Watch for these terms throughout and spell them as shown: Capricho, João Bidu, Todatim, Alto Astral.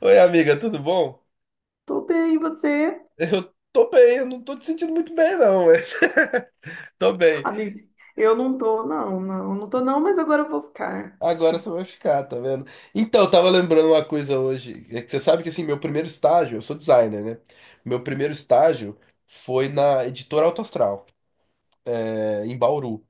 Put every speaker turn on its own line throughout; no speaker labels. Oi, amiga, tudo bom?
Tô bem, e você?
Eu tô bem, eu não tô te sentindo muito bem, não, mas tô bem.
Amigo, eu não tô não, mas agora eu vou ficar.
Agora você vai ficar, tá vendo? Então, eu tava lembrando uma coisa hoje. É que você sabe que, assim, meu primeiro estágio, eu sou designer, né? Meu primeiro estágio foi na editora Alto Astral, é, em Bauru.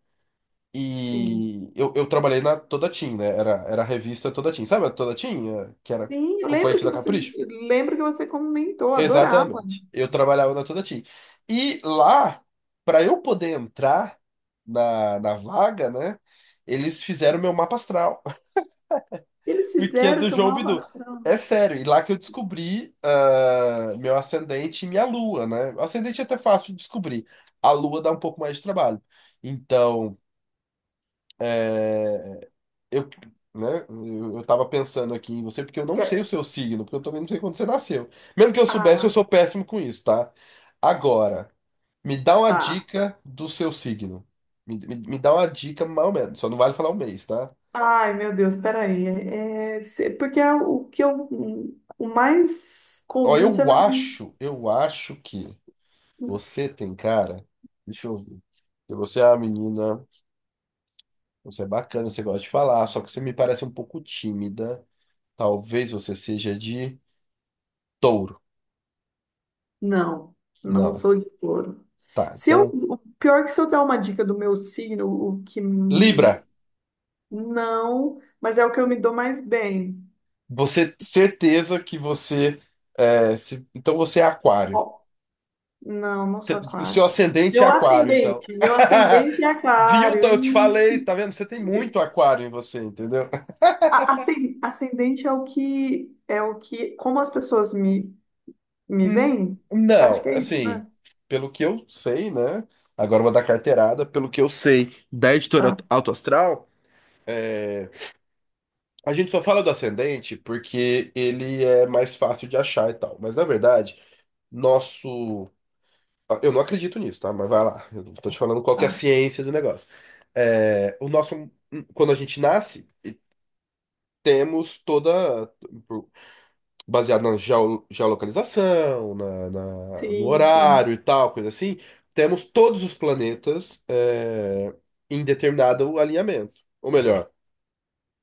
Sim.
E eu trabalhei na Todatim, né? Era a revista Todatim. Sabe a Todatim? Que era
Sim, eu lembro
concorrente
que
da
você,
Capricho?
eu lembro que você comentou, adorava.
Exatamente. Eu trabalhava na Todati. E lá, para eu poder entrar na vaga, né? Eles fizeram meu mapa astral,
Eles
porque é
fizeram
do
seu
João Bidu. É
malvação.
sério, e lá que eu descobri meu ascendente e minha lua, né? O ascendente é até fácil de descobrir. A lua dá um pouco mais de trabalho. Então, eh, eu, né, eu tava pensando aqui em você porque eu não
Que-
sei o
é,
seu signo, porque eu também não sei quando você nasceu. Mesmo que eu soubesse, eu
Ah,
sou péssimo com isso, tá? Agora, me dá uma
tá.
dica do seu signo. Me dá uma dica mais ou menos, só não vale falar o mês, tá?
Ai, meu Deus, peraí. Porque é o que eu, o mais
Ó,
comum você
eu
vai.
acho, eu acho que você tem cara. Deixa eu ver. Porque você é uma menina, você é bacana, você gosta de falar, só que você me parece um pouco tímida. Talvez você seja de touro.
Não, não
Não.
sou de touro.
Tá,
Se eu,
então.
O pior é que se eu dar uma dica do meu signo, o que
Libra!
não, mas é o que eu me dou mais bem.
Você certeza que você é, então você é aquário.
Ó, não, não sou
O seu
aquário.
ascendente é
Meu
aquário, então.
ascendente, meu ascendente é
Viu?
aquário.
Então, eu te falei,
Ih.
tá vendo? Você tem muito aquário em você, entendeu?
Ascendente é o que como as pessoas me
Hum.
veem, acho
Não,
que é isso,
assim,
né?
pelo que eu sei, né? Agora eu vou dar carteirada. Pelo que eu sei da editora
Tá,
Alto Astral, é, a gente só fala do ascendente porque ele é mais fácil de achar e tal. Mas na verdade, nosso. Eu não acredito nisso, tá? Mas vai lá. Eu tô te falando qual que é a
tá.
ciência do negócio. É, o nosso, quando a gente nasce, temos toda, baseado na geolocalização, no
Sim, sim,
horário e tal, coisa assim, temos todos os planetas, é, em determinado alinhamento. Ou melhor,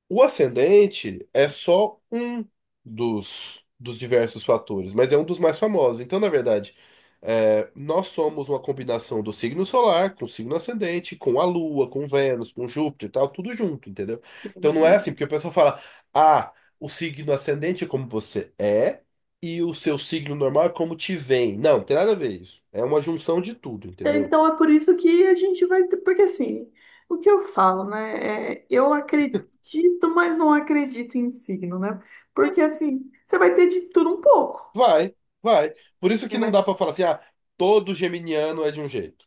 o ascendente é só um dos diversos fatores, mas é um dos mais famosos. Então, na verdade, é, nós somos uma combinação do signo solar com o signo ascendente, com a Lua, com Vênus, com Júpiter e tal, tudo junto, entendeu?
sim,
Então não é assim,
sim.
porque o pessoal fala, ah, o signo ascendente é como você é e o seu signo normal é como te vem. Não, tem nada a ver isso. É uma junção de tudo, entendeu?
Então é por isso que a gente vai, ter- porque assim, o que eu falo, né? É, eu acredito, mas não acredito em signo, né? Porque assim, você vai ter de tudo um pouco.
Vai, vai. Por isso que
Ele
não dá
vai-
pra falar assim, todo geminiano é de um jeito.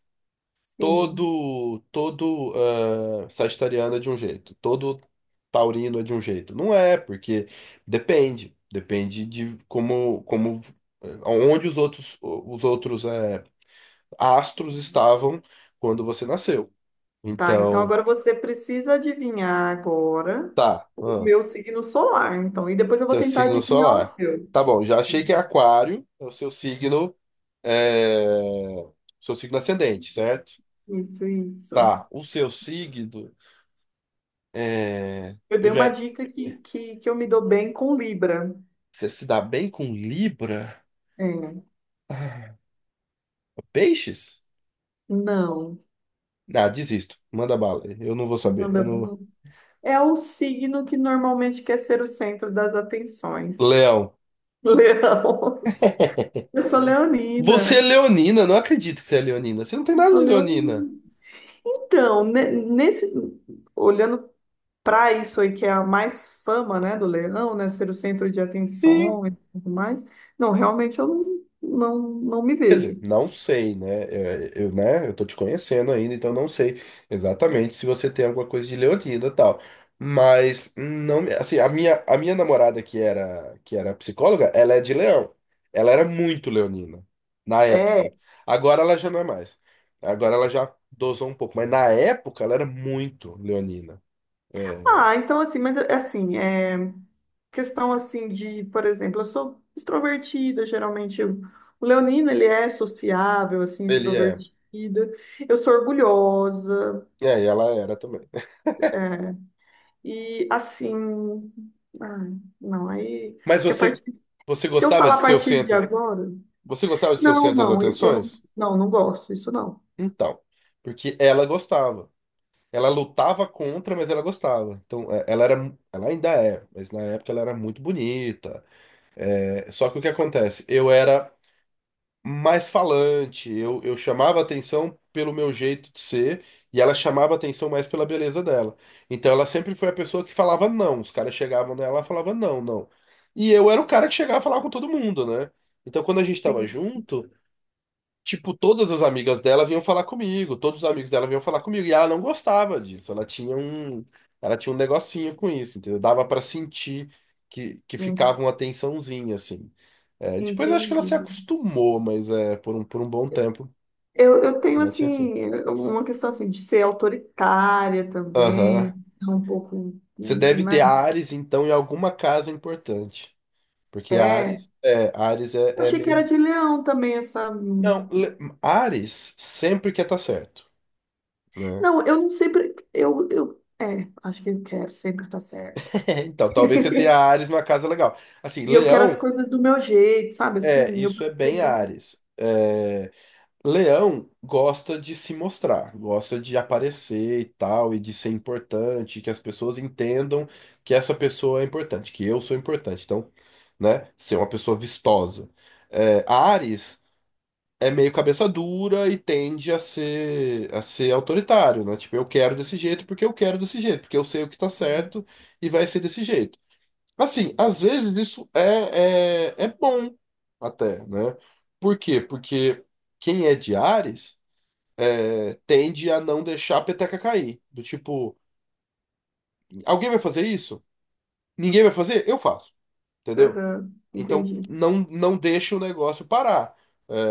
Sim.
Todo sagitariano é de um jeito, todo taurino é de um jeito. Não é, porque depende de como onde os outros astros estavam quando você nasceu.
Tá, então
Então,
agora você precisa adivinhar agora
tá,
o meu signo solar, então. E depois eu vou
teu
tentar
signo
adivinhar o
solar.
seu.
Tá bom, já achei que é aquário, é o seu signo eh, seu signo ascendente, certo?
Isso, isso.
Tá, o seu signo é,
Eu
eu
dei uma
já.
dica que eu me dou bem com Libra.
Você se dá bem com Libra?
É.
Ah, Peixes?
Não.
Ah, desisto. Manda bala. Eu não vou saber. Eu não.
Não. É o signo que normalmente quer ser o centro das atenções.
Leão.
Leão. Eu sou
Você é
leonina.
leonina. Não acredito que você é leonina. Você não tem
Eu
nada
sou
de leonina.
leonina. Então, olhando para isso aí que é a mais fama, né, do leão, né, ser o centro de
Sim.
atenção e tudo mais. Não, realmente eu não, não, não me
Quer dizer,
vejo.
não sei, né? É, eu, né? Eu tô te conhecendo ainda, então não sei exatamente se você tem alguma coisa de leonina e tal. Mas não, assim, a minha namorada que era psicóloga, ela é de Leão. Ela era muito leonina na época.
É.
Agora ela já não é mais. Agora ela já dosou um pouco, mas na época ela era muito leonina. É,
Ah, então assim, mas assim, é questão assim de, por exemplo, eu sou extrovertida, o leonino ele é sociável, assim,
ele é.
extrovertida. Eu sou orgulhosa,
É, e ela era também.
é, e assim, ai, não, aí
Mas
acho que a
você
partir
você
se eu
gostava
falar
de
a
ser o
partir de
centro?
agora
Você gostava de ser o
não,
centro das atenções?
não gosto, isso não.
Então, porque ela gostava. Ela lutava contra, mas ela gostava. Então, é, ela era, ela ainda é, mas na época ela era muito bonita. É, só que o que acontece? Eu era mais falante, eu chamava atenção pelo meu jeito de ser e ela chamava atenção mais pela beleza dela. Então, ela sempre foi a pessoa que falava não. Os caras chegavam nela e falavam não, não. E eu era o cara que chegava a falar com todo mundo, né? Então, quando a gente tava
Entendi.
junto. Tipo, todas as amigas dela vinham falar comigo, todos os amigos dela vinham falar comigo, e ela não gostava disso, ela tinha um negocinho com isso, entendeu? Dava pra sentir que
Hum,
ficava uma tensãozinha, assim. É, depois acho que ela
Entendi.
se acostumou, mas é, por um bom tempo,
Eu tenho,
ela tinha assim.
assim, uma questão, assim, de ser autoritária
Aham.
também, ser um pouco,
Você deve ter
né?
Ares, então, em alguma casa importante, porque
É,
Ares, é, Ares
eu
é
achei que era
meio...
de leão também essa.
Não, Ares sempre quer estar certo, né?
Não, eu não sempre, eu, é, acho que eu quero, sempre estar certa.
É, então, talvez você tenha Ares numa casa legal. Assim,
E eu quero as
Leão,
coisas do meu jeito, sabe,
é,
assim, eu
isso é bem
percebo.
Ares. É, Leão gosta de se mostrar, gosta de aparecer e tal, e de ser importante, que as pessoas entendam que essa pessoa é importante, que eu sou importante. Então, né, ser uma pessoa vistosa. É, Ares é meio cabeça dura e tende a ser autoritário, né? Tipo, eu quero desse jeito porque eu quero desse jeito, porque eu sei o que tá certo e vai ser desse jeito. Assim, às vezes isso é bom até, né? Por quê? Porque quem é de Ares é, tende a não deixar a peteca cair. Do tipo, alguém vai fazer isso? Ninguém vai fazer? Eu faço, entendeu?
Aham,
Então,
entendi.
não, não deixa o negócio parar.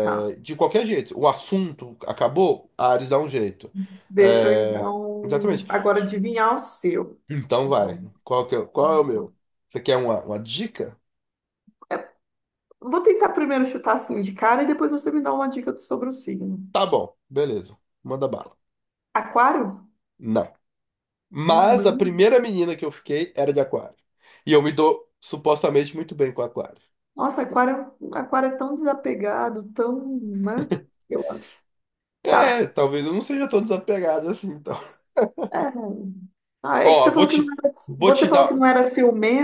Tá.
de qualquer jeito. O assunto acabou, Ares dá um jeito.
Deixa eu
É,
então
exatamente.
agora adivinhar o seu.
Então
Vou
vai. Qual que é, qual é o meu? Você quer uma dica?
é, vou tentar primeiro chutar assim de cara e depois você me dá uma dica sobre o signo.
Tá bom, beleza. Manda bala.
Aquário?
Não. Mas a
Não.
primeira menina que eu fiquei era de aquário. E eu me dou supostamente muito bem com aquário.
Nossa, aquário, é um, aquário é tão desapegado, tão, né? Eu acho.
É,
Tá.
talvez eu não seja tão desapegado assim, então.
É. Ah, é que você
Ó, vou
falou que não
te,
era,
vou
você
te
falou que
dar.
não era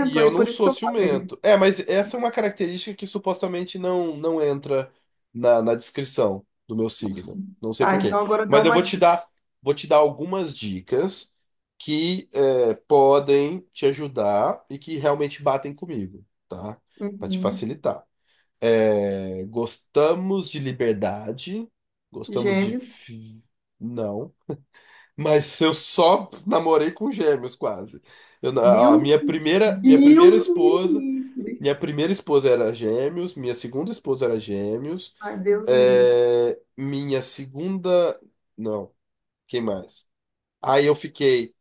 E
aí
eu não
por isso que
sou
eu falei.
ciumento. É, mas essa é uma característica que supostamente não, não entra na descrição do meu signo. Não sei
Tá,
por quê.
então agora dá
Mas eu
uma
vou te
dica.
dar, vou te dar algumas dicas que é, podem te ajudar e que realmente batem comigo, tá? Pra te
Uhum.
facilitar. É, gostamos de liberdade. Gostamos de.
Gêmeos.
Não. Mas eu só namorei com gêmeos, quase. Eu na- a
Deus,
minha primeira, minha primeira
Deus me
esposa.
livre.
Minha primeira esposa era gêmeos. Minha segunda esposa era gêmeos.
Ai, Deus me livre.
É, minha segunda. Não. Quem mais? Aí eu fiquei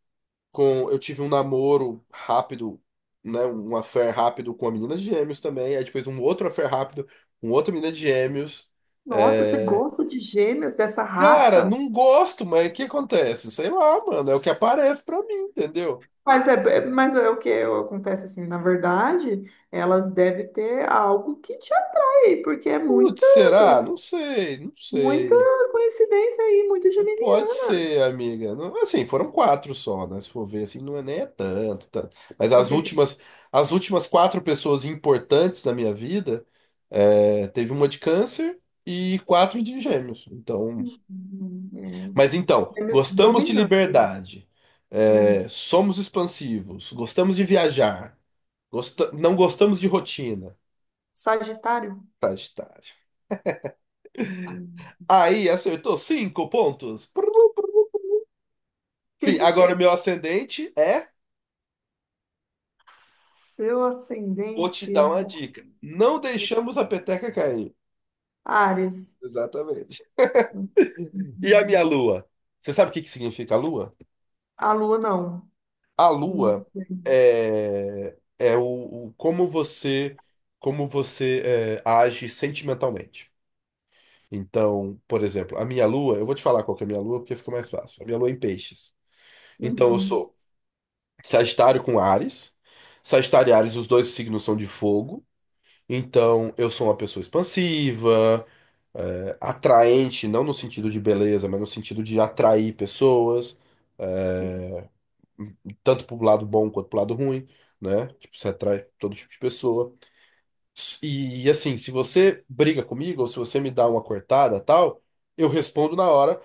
com. Eu tive um namoro rápido, né, um affair rápido com uma menina de gêmeos também, aí depois um outro affair rápido com outra menina de gêmeos.
Nossa, você
É,
gosta de gêmeos dessa
cara,
raça?
não gosto, mas o que acontece? Sei lá, mano, é o que aparece pra mim, entendeu?
Mas é o que acontece assim, na verdade, elas devem ter algo que te atrai, porque é
Putz,
muita,
será? Não sei, não
muita
sei.
coincidência aí, muito
Pode
geminiano.
ser, amiga. Assim, foram quatro só, né? Se for ver, assim, não é nem é tanto, tanto. Mas as últimas quatro pessoas importantes da minha vida, é, teve uma de câncer e quatro de gêmeos. Então, mas então,
É. Gêmeos
gostamos de
dominando.
liberdade,
Hum.
é, somos expansivos, gostamos de viajar, não gostamos de rotina.
Sagitário.
Sagitário.
Hum.
Aí acertou cinco pontos. Sim, agora o meu ascendente é.
Seu
Vou te
ascendente
dar
é
uma dica. Não
de
deixamos a peteca cair.
Áries.
Exatamente.
Hum.
E a minha
Hum.
lua? Você sabe o que que significa a lua?
A lua não.
A
Não
lua
tem.
é como você é, age sentimentalmente. Então, por exemplo, a minha lua, eu vou te falar qual que é a minha lua porque fica mais fácil. A minha lua é em peixes. Então eu
Uhum.
sou Sagitário com Áries. Sagitário e Áries, os dois signos são de fogo. Então eu sou uma pessoa expansiva, é, atraente, não no sentido de beleza, mas no sentido de atrair pessoas, é, tanto pro lado bom quanto pro lado ruim, né? Tipo, você atrai todo tipo de pessoa. E, assim, se você briga comigo ou se você me dá uma cortada, tal, eu respondo na hora.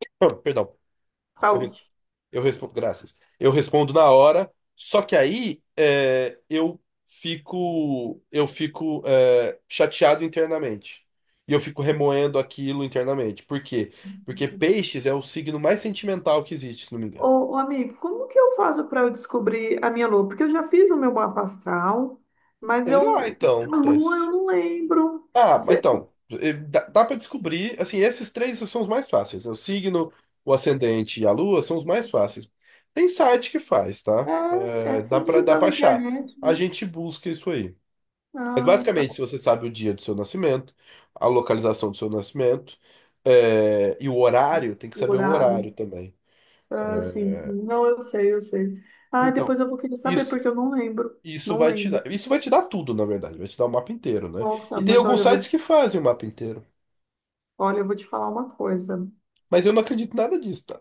Perdão. Eu
Saúde.
Eu respondo, graças. Eu respondo na hora, só que aí é, eu fico chateado internamente. E eu fico remoendo aquilo internamente. Por quê? Porque peixes é o signo mais sentimental que existe, se não me engano.
Ô, ô, amigo, como que eu faço para eu descobrir a minha lua? Porque eu já fiz o meu mapa astral, mas
Tem lá,
eu,
então.
a lua
Tess.
eu não lembro.
Ah, mas
Cê-
então, dá para descobrir, assim, esses três são os mais fáceis. Né? O signo, o ascendente e a lua são os mais fáceis. Tem site que faz, tá?
É, é
Eh,
só
dá para dá
digitar
para
na
achar.
internet,
A
né?
gente busca isso aí. Mas
Ah, tá.
basicamente, se você sabe o dia do seu nascimento, a localização do seu nascimento, é, e o horário, tem que
O
saber o horário
horário.
também.
Ah, sim.
É,
Não, eu sei, eu sei. Ah,
então,
depois eu vou querer saber,
isso,
porque eu não lembro.
isso
Não
vai te
lembro.
dar. Isso vai te dar tudo, na verdade. Vai te dar o mapa inteiro, né?
Nossa,
E tem
mas olha,
alguns
eu vou te,
sites que fazem o mapa inteiro.
olha, eu vou te falar uma coisa.
Mas eu não acredito em nada disso, tá?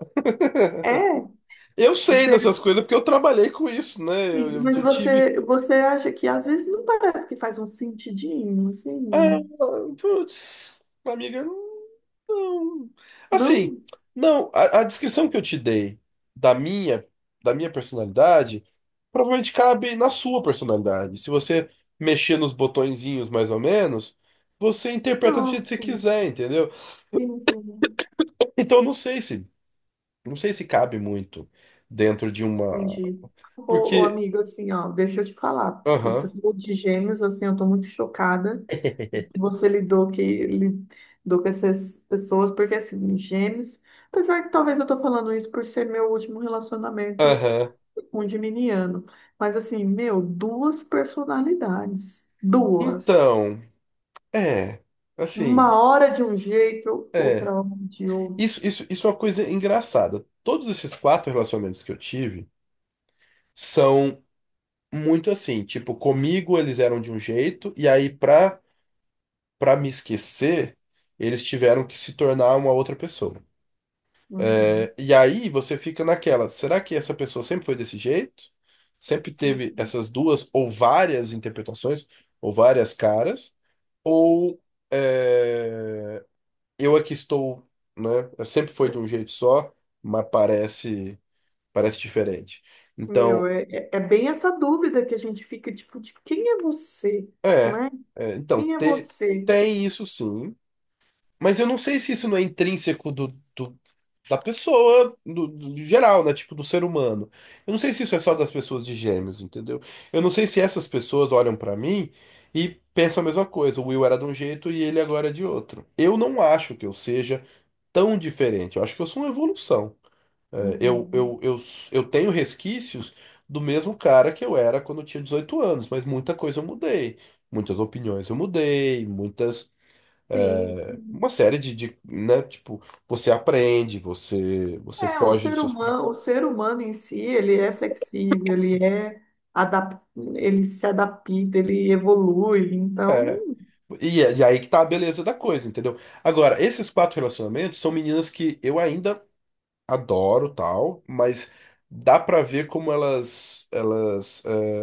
É,
Eu sei
você,
dessas coisas porque eu trabalhei com isso, né? Eu,
sim,
eu,
mas
eu tive.
você, você acha que às vezes não parece que faz um sentidinho,
Ah,
assim?
putz, amiga, não. Assim,
Não?
não, a descrição que eu te dei da minha, da minha personalidade provavelmente cabe na sua personalidade. Se você mexer nos botõezinhos mais ou menos, você interpreta do jeito que você
Nossa,
quiser, entendeu?
sim, sim,
Então não sei se cabe muito dentro de uma,
entendi. Ô, ô,
porque,
amigo, assim, ó, deixa eu te falar.
aham,
Você falou de gêmeos, assim, eu tô muito chocada. Você lidou que lidou com essas pessoas, porque assim, gêmeos, apesar que talvez eu tô falando isso por ser meu último relacionamento
aham.
com um geminiano. Mas assim, meu, duas personalidades. Duas.
Então, é,
Uma
assim,
hora de um jeito,
é.
outra hora de outro.
Isso é uma coisa engraçada. Todos esses quatro relacionamentos que eu tive são muito assim, tipo, comigo eles eram de um jeito, e aí pra me esquecer, eles tiveram que se tornar uma outra pessoa.
Uhum.
É, E aí você fica naquela, será que essa pessoa sempre foi desse jeito? Sempre
Sim.
teve essas duas ou várias interpretações, ou várias caras, ou é, eu aqui estou, né? Sempre foi de um jeito só, mas parece. Parece diferente.
Meu,
Então,
é bem essa dúvida que a gente fica, tipo, de quem é você,
é,
né?
é, então,
Quem é
te-
você?
tem isso sim, mas eu não sei se isso não é intrínseco do- da pessoa, do geral, né? Tipo, do ser humano. Eu não sei se isso é só das pessoas de gêmeos, entendeu? Eu não sei se essas pessoas olham pra mim e pensam a mesma coisa. O Will era de um jeito e ele agora é de outro. Eu não acho que eu seja tão diferente. Eu acho que eu sou uma evolução. É, Eu,
Uhum.
eu, eu, eu tenho resquícios do mesmo cara que eu era quando eu tinha 18 anos, mas muita coisa eu mudei. Muitas opiniões eu mudei, muitas.
Sim, sim.
Uma série né? Tipo, você aprende, você
É,
foge dos seus.
o ser humano em si, ele é flexível, adap... ele se adapta, ele evolui.
É.
Então,
E, e aí que tá a beleza da coisa, entendeu? Agora, esses quatro relacionamentos são meninas que eu ainda adoro, tal, mas dá pra ver como elas é,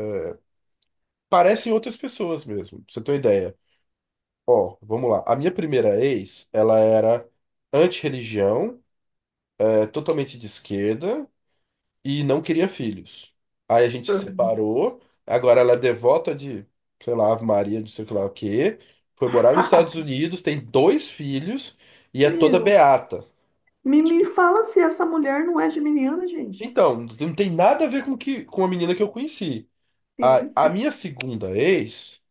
parecem outras pessoas mesmo, pra você ter uma ideia. Ó, vamos lá. A minha primeira ex, ela era anti-religião, é, totalmente de esquerda e não queria filhos. Aí a gente se separou. Agora ela é devota de, sei lá, Ave Maria, não sei o que lá o quê. Foi morar nos Estados Unidos, tem dois filhos e é toda
meu,
beata.
me
Tipo,
fala se essa mulher não é geminiana, gente.
então, não tem nada a ver com que, com a menina que eu conheci.
Sim,
A
sim,
minha segunda ex.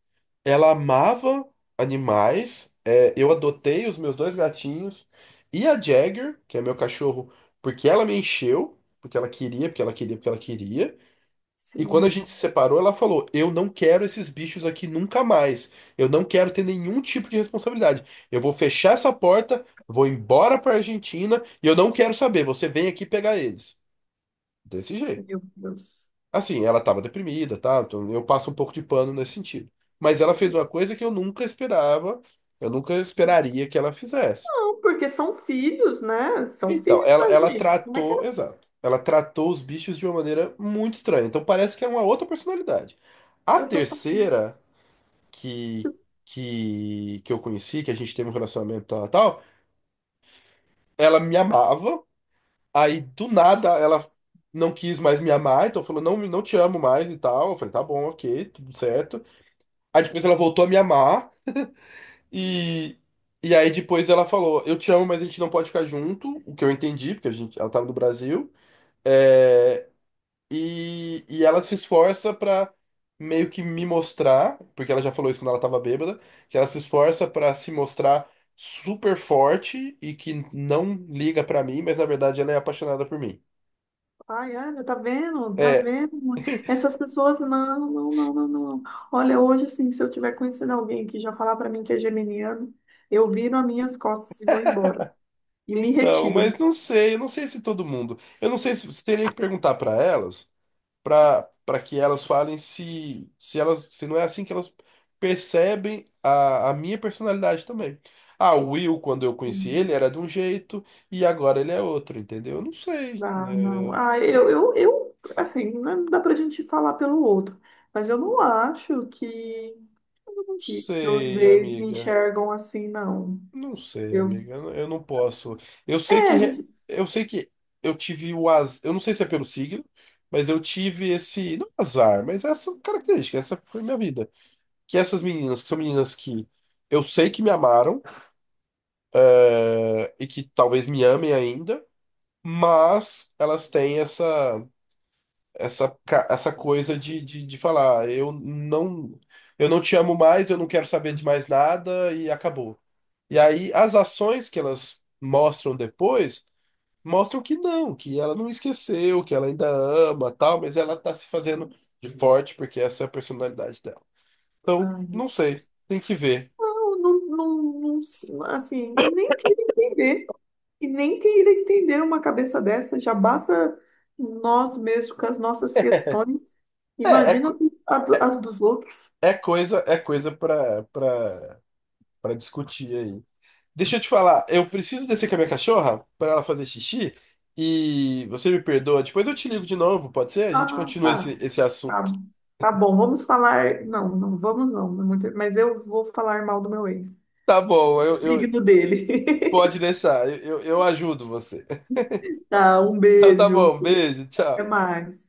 Ela amava animais. É, eu adotei os meus dois gatinhos e a Jagger, que é meu cachorro, porque ela me encheu, porque ela queria, porque ela queria, porque ela queria. E quando a
sim.
gente se separou, ela falou: Eu não quero esses bichos aqui nunca mais. Eu não quero ter nenhum tipo de responsabilidade. Eu vou fechar essa porta, vou embora pra Argentina e eu não quero saber. Você vem aqui pegar eles. Desse jeito.
Meu Deus.
Assim, ela estava deprimida, tá? Então eu passo um pouco de pano nesse sentido. Mas ela fez uma coisa que eu nunca esperava, eu nunca esperaria que ela fizesse.
Não, porque são filhos, né? São
Então,
filhos da
ela
gente. Como é que
tratou,
ela...
exato, ela tratou os bichos de uma maneira muito estranha. Então parece que é uma outra personalidade. A
Eu tô
terceira que, que eu conheci, que a gente teve um relacionamento tal, tal, ela me amava, aí do nada ela não quis mais me amar, então falou, não, não te amo mais e tal. Eu falei, tá bom, ok, tudo certo. Aí depois ela voltou a me amar e e aí depois ela falou, eu te amo, mas a gente não pode ficar junto, o que eu entendi, porque a gente, ela tava no Brasil. É, e ela se esforça pra meio que me mostrar, porque ela já falou isso quando ela tava bêbada, que ela se esforça pra se mostrar super forte e que não liga pra mim, mas na verdade ela é apaixonada por mim.
Ai, Ana, tá vendo? Tá
É,
vendo? Essas pessoas, não, não, não, não, não. Olha, hoje, assim, se eu tiver conhecendo alguém que já falar pra mim que é geminiano, eu viro as minhas costas e vou embora. E me
então, mas
retiro.
não sei, eu não sei se todo mundo. Eu não sei se você teria que perguntar pra elas. Para que elas falem se elas se não é assim que elas percebem a minha personalidade também. Ah, o Will, quando eu conheci ele,
Hum.
era de um jeito e agora ele é outro, entendeu? Eu não sei.
Ah, não.
É,
Assim, não dá pra gente falar pelo outro. Mas eu não acho
não
que meus
sei,
ex me
amiga.
enxergam assim, não.
Não sei,
Eu,
amiga. Eu não posso. Eu sei que
é,
re-
a
eu sei que eu tive o azar. Eu não sei se é pelo signo, mas eu tive esse não azar, mas essa característica, essa foi minha vida. Que essas meninas, que são meninas que eu sei que me amaram eh, e que talvez me amem ainda, mas elas têm essa essa coisa de falar, eu não te amo mais, eu não quero saber de mais nada e acabou. E aí as ações que elas mostram depois mostram que não, que ela não esqueceu, que ela ainda ama, tal, mas ela tá se fazendo de forte porque essa é a personalidade dela. Então,
gente.
não sei, tem que ver.
Não, assim, e nem queira entender, e nem queira entender uma cabeça dessa, já basta nós mesmos com as nossas questões,
É, é,
imagina
co-
as dos outros.
é coisa para discutir aí. Deixa eu te falar, eu preciso descer com a minha cachorra para ela fazer xixi e você me perdoa. Depois eu te ligo de novo, pode ser? A gente
Ah,
continua
tá,
esse assunto.
tá, tá bom, vamos falar, não, não vamos não, mas eu vou falar mal do meu ex,
Tá bom,
o signo
pode
dele.
deixar, eu ajudo você.
Tá, um
Então tá
beijo,
bom, beijo,
até
tchau.
mais.